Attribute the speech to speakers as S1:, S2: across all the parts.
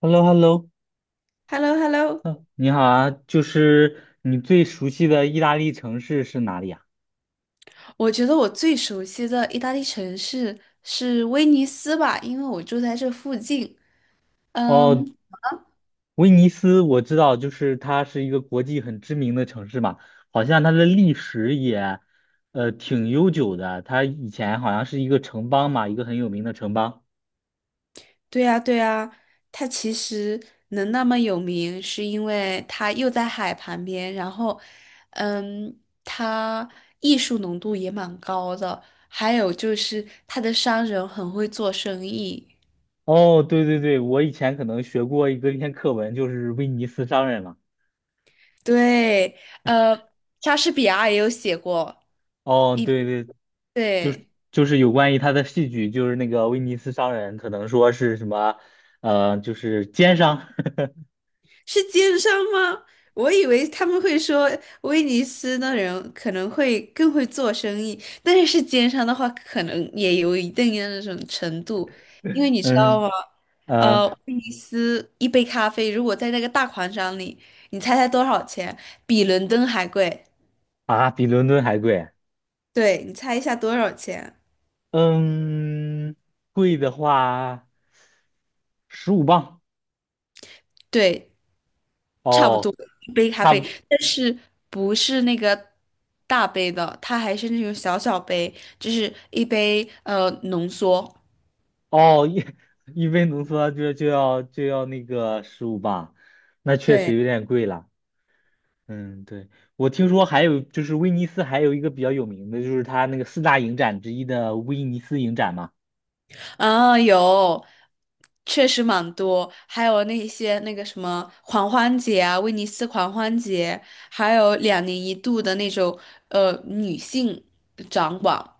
S1: h e l l o h e l l o
S2: h e l l o h e l l o
S1: 嗯，你好啊，就是你最熟悉的意大利城市是哪里啊？
S2: 我觉得我最熟悉的意大利城市是威尼斯吧，因为我住在这附近。嗯，
S1: 哦，威尼斯我知道，就是它是一个国际很知名的城市嘛，好像它的历史也，挺悠久的。它以前好像是一个城邦嘛，一个很有名的城邦。
S2: 对呀，对呀，它其实能那么有名，是因为它又在海旁边，然后，嗯，它艺术浓度也蛮高的，还有就是它的商人很会做生意。
S1: 哦，对对对，我以前可能学过一篇课文，就是威尼斯商人嘛。
S2: 对，呃，莎士比亚也有写过
S1: 哦，
S2: 一，
S1: 对对，就
S2: 对。
S1: 是就是有关于他的戏剧，就是那个威尼斯商人，可能说是什么，就是奸商。
S2: 是奸商吗？我以为他们会说威尼斯的人可能会更会做生意，但是是奸商的话，可能也有一定的那种程度，因为你知道吗？
S1: 嗯，呃，
S2: 威尼斯一杯咖啡如果在那个大广场里，你猜猜多少钱？比伦敦还贵。
S1: 啊，比伦敦还贵，
S2: 对，你猜一下多少钱？
S1: 嗯，贵的话十五磅，
S2: 对，差不
S1: 哦，
S2: 多一杯咖
S1: 差
S2: 啡，
S1: 不，
S2: 但是不是那个大杯的，它还是那种小小杯，就是一杯浓缩。
S1: 哦，一 一杯浓缩就要那个十五磅，那确
S2: 对，
S1: 实有点贵了，嗯，对。我听说还有就是威尼斯还有一个比较有名的，就是它那个四大影展之一的威尼斯影展嘛。
S2: 啊，有，确实蛮多，还有那些那个什么狂欢节啊，威尼斯狂欢节，还有两年一度的那种女性掌管。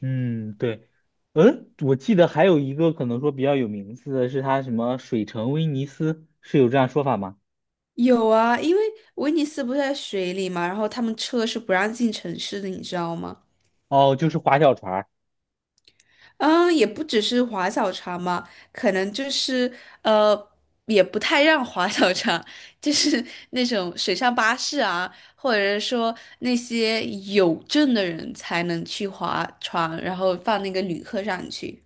S1: 嗯，对，嗯，我记得还有一个可能说比较有名字的是它什么水城威尼斯，是有这样说法吗？
S2: 有啊，因为威尼斯不是在水里嘛，然后他们车是不让进城市的，你知道吗？
S1: 哦，就是划小船儿，
S2: 嗯，也不只是划小船嘛，可能就是呃，也不太让划小船，就是那种水上巴士啊，或者是说那些有证的人才能去划船，然后放那个旅客上去。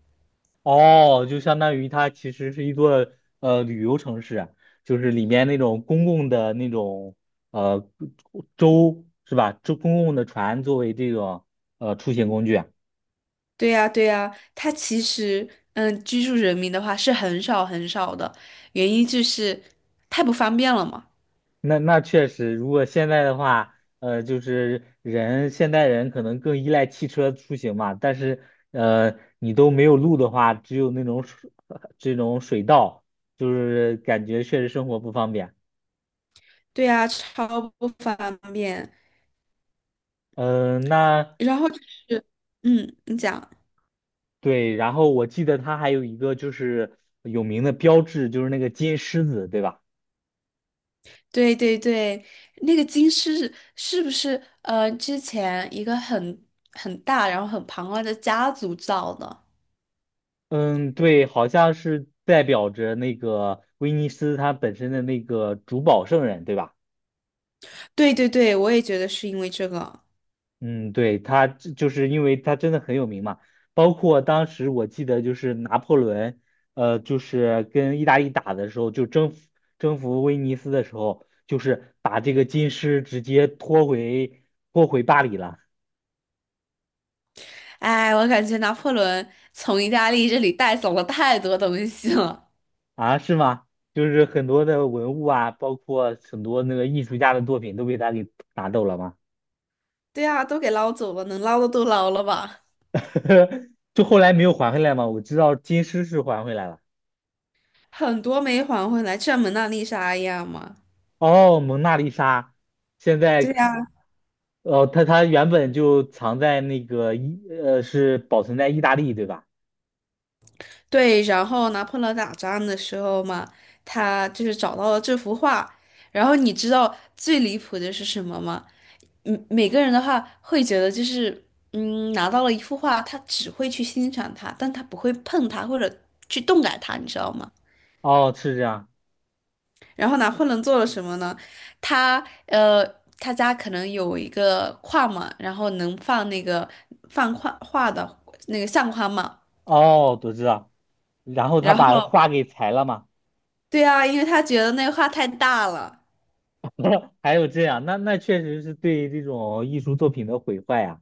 S1: 哦，就相当于它其实是一座旅游城市啊，就是里面那种公共的那种呃舟是吧？舟公共的船作为这种出行工具啊。
S2: 对呀，对呀，它其实嗯，居住人民的话是很少很少的，原因就是太不方便了嘛。
S1: 那确实，如果现在的话，就是现代人可能更依赖汽车出行嘛，但是你都没有路的话，只有那种水 这种水道，就是感觉确实生活不方便。
S2: 对呀，超不方便。
S1: 嗯，
S2: 然后就是，嗯，你讲。
S1: 对，然后我记得它还有一个就是有名的标志，就是那个金狮子，对吧？
S2: 对对对，那个金狮是不是之前一个很大然后很庞大的家族造的？
S1: 嗯，对，好像是代表着那个威尼斯它本身的那个主保圣人，对吧？
S2: 对对对，我也觉得是因为这个。
S1: 嗯，对，他这就是因为他真的很有名嘛，包括当时我记得就是拿破仑，就是跟意大利打的时候，就征服威尼斯的时候，就是把这个金狮直接拖回巴黎了。
S2: 哎，我感觉拿破仑从意大利这里带走了太多东西了。
S1: 啊，是吗？就是很多的文物啊，包括很多那个艺术家的作品都被他给拿走了嘛。
S2: 对啊，都给捞走了，能捞的都捞了吧？
S1: 就后来没有还回来嘛，我知道金狮是还回来了。
S2: 很多没还回来，这蒙娜丽莎一样嘛。
S1: 哦，蒙娜丽莎，现
S2: 对
S1: 在。
S2: 呀。
S1: 哦，他原本就藏在那个是保存在意大利，对吧？
S2: 对，然后拿破仑打仗的时候嘛，他就是找到了这幅画。然后你知道最离谱的是什么吗？嗯，每个人的话会觉得就是，嗯，拿到了一幅画，他只会去欣赏它，但他不会碰它或者去动感它，你知道吗？
S1: 哦，是这样。
S2: 然后拿破仑做了什么呢？他呃，他家可能有一个框嘛，然后能放那个放画画的那个相框嘛。
S1: 哦，我知道。然后他
S2: 然
S1: 把
S2: 后，
S1: 画给裁了嘛？
S2: 对啊，因为他觉得那个画太大了。
S1: 还有这样，那确实是对这种艺术作品的毁坏啊。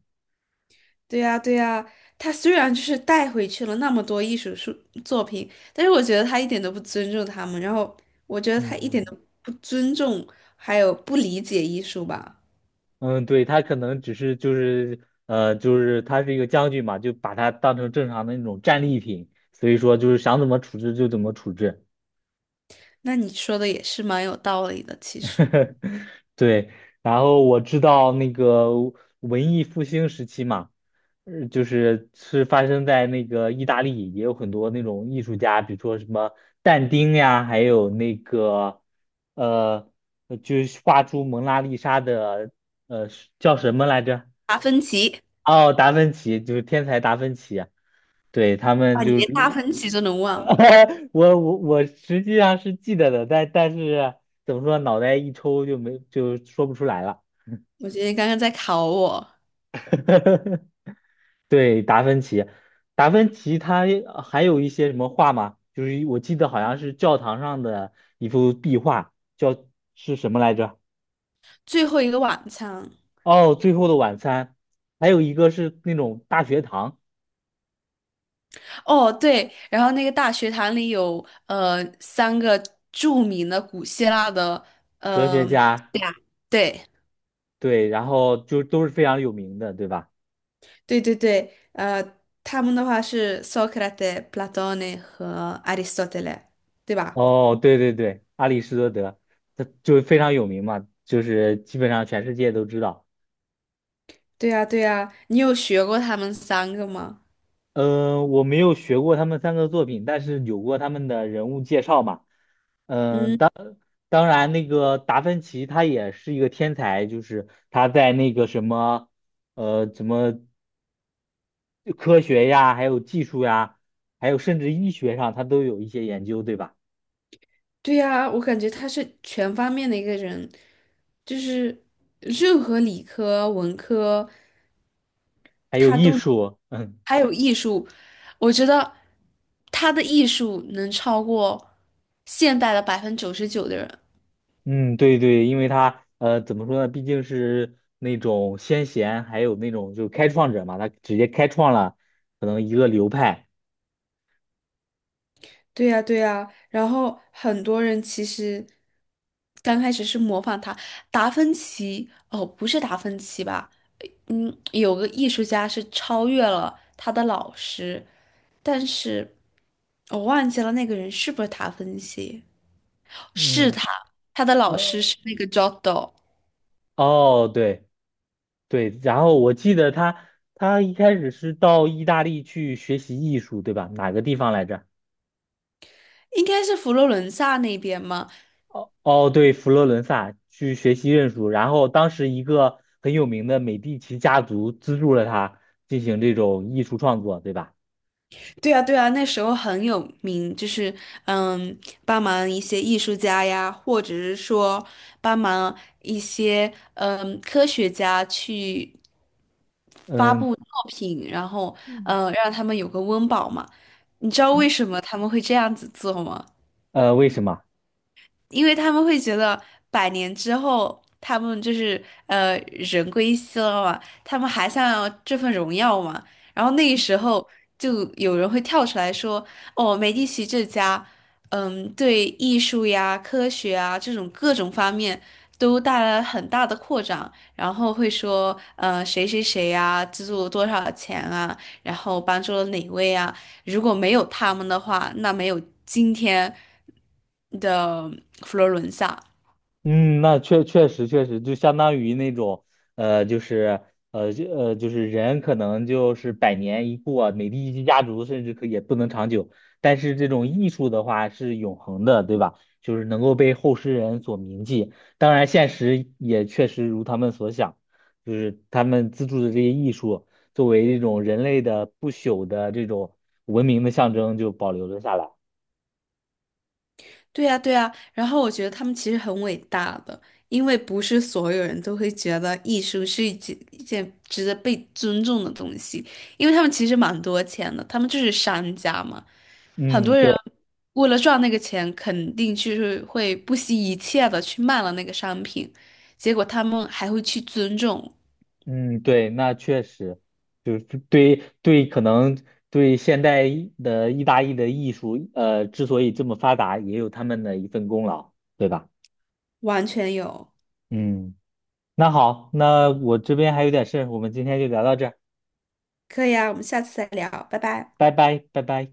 S2: 对呀，对呀，他虽然就是带回去了那么多艺术书作品，但是我觉得他一点都不尊重他们，然后我觉得他一点
S1: 嗯
S2: 都不尊重，还有不理解艺术吧。
S1: 嗯，对，他可能只是就是就是他是一个将军嘛，就把它当成正常的那种战利品，所以说就是想怎么处置就怎么处置。
S2: 那你说的也是蛮有道理的，其实。
S1: 对，然后我知道那个文艺复兴时期嘛，就是发生在那个意大利，也有很多那种艺术家，比如说什么但丁呀，还有那个呃，就是画出蒙娜丽莎的呃叫什么来着？
S2: 达芬奇
S1: 哦，达芬奇，就是天才达芬奇啊，对，他
S2: 啊，
S1: 们
S2: 你
S1: 就是。
S2: 连达芬奇都能忘，
S1: 我实际上是记得的，但是怎么说，脑袋一抽就说不出来了。
S2: 我觉得你刚刚在考我。
S1: 对，达芬奇，达芬奇他还有一些什么画吗？就是我记得好像是教堂上的一幅壁画，叫是什么来着？
S2: 最后一个晚餐，
S1: 哦，《最后的晚餐》，还有一个是那种大学堂。
S2: 哦对，然后那个大学堂里有三个著名的古希腊的，
S1: 哲学家，
S2: 对啊。对
S1: 对，然后就都是非常有名的，对吧？
S2: 对,他们的话是 Socrates、Plat 和 Aristotle,对吧？
S1: 哦，对对对，阿里士多德，他就非常有名嘛，就是基本上全世界都知道。
S2: 对呀，对呀，你有学过他们三个吗？
S1: 我没有学过他们三个作品，但是有过他们的人物介绍嘛。呃
S2: 嗯，
S1: 当然，那个达芬奇他也是一个天才，就是他在那个什么，什么科学呀，还有技术呀，还有甚至医学上，他都有一些研究，对吧？
S2: 对呀，我感觉他是全方面的一个人，就是任何理科、文科，
S1: 还有艺术。嗯。
S2: 还有艺术，我觉得他的艺术能超过现代的99%的人。
S1: 嗯，对对，因为他怎么说呢？毕竟是那种先贤，还有那种就是开创者嘛，他直接开创了可能一个流派。
S2: 对呀，对呀，然后很多人其实刚开始是模仿他，达芬奇，哦，不是达芬奇吧？嗯，有个艺术家是超越了他的老师，但是我忘记了那个人是不是达芬奇？是
S1: 嗯，
S2: 他，他的老
S1: 呃，
S2: 师是那个 Giotto,
S1: 哦，对对，然后我记得他一开始是到意大利去学习艺术，对吧？哪个地方来着？
S2: 应该是佛罗伦萨那边吗？
S1: 哦，对，佛罗伦萨去学习认输，然后当时一个很有名的美第奇家族资助了他进行这种艺术创作，对吧？
S2: 对啊，对啊，那时候很有名，就是嗯，帮忙一些艺术家呀，或者是说帮忙一些嗯科学家去
S1: 嗯，
S2: 作品，然后嗯，让他们有个温饱嘛。你知道为
S1: 嗯
S2: 什么他们会这样子做吗？
S1: 呃，为什么？
S2: 因为他们会觉得百年之后，他们就是人归西了嘛，他们还想要这份荣耀嘛。然后那个时候就有人会跳出来说："哦，美第奇这家，嗯，对艺术呀、科学啊这种各种方面都带来了很大的扩张。"然后会说："谁谁谁呀，资助了多少钱啊，然后帮助了哪位啊。"如果没有他们的话，那没有今天的佛罗伦萨。
S1: 嗯，那确实，就相当于那种，就是就是人可能就是百年一过，美第一家族甚至可也不能长久。但是这种艺术的话是永恒的，对吧？就是能够被后世人所铭记。当然，现实也确实如他们所想，就是他们资助的这些艺术，作为一种人类的不朽的这种文明的象征，就保留了下来。
S2: 对呀，对呀。然后我觉得他们其实很伟大的，因为不是所有人都会觉得艺术是一件值得被尊重的东西，因为他们其实蛮多钱的，他们就是商家嘛。很
S1: 嗯，
S2: 多人
S1: 对。
S2: 为了赚那个钱，肯定就是会不惜一切的去卖了那个商品，结果他们还会去尊重，
S1: 嗯，对，那确实，就是对对，可能对现代的意大利的艺术，之所以这么发达，也有他们的一份功劳，对吧？
S2: 完全有。
S1: 嗯，那好，那我这边还有点事儿我们今天就聊到这儿，
S2: 可以啊，我们下次再聊，拜拜。
S1: 拜拜，拜拜。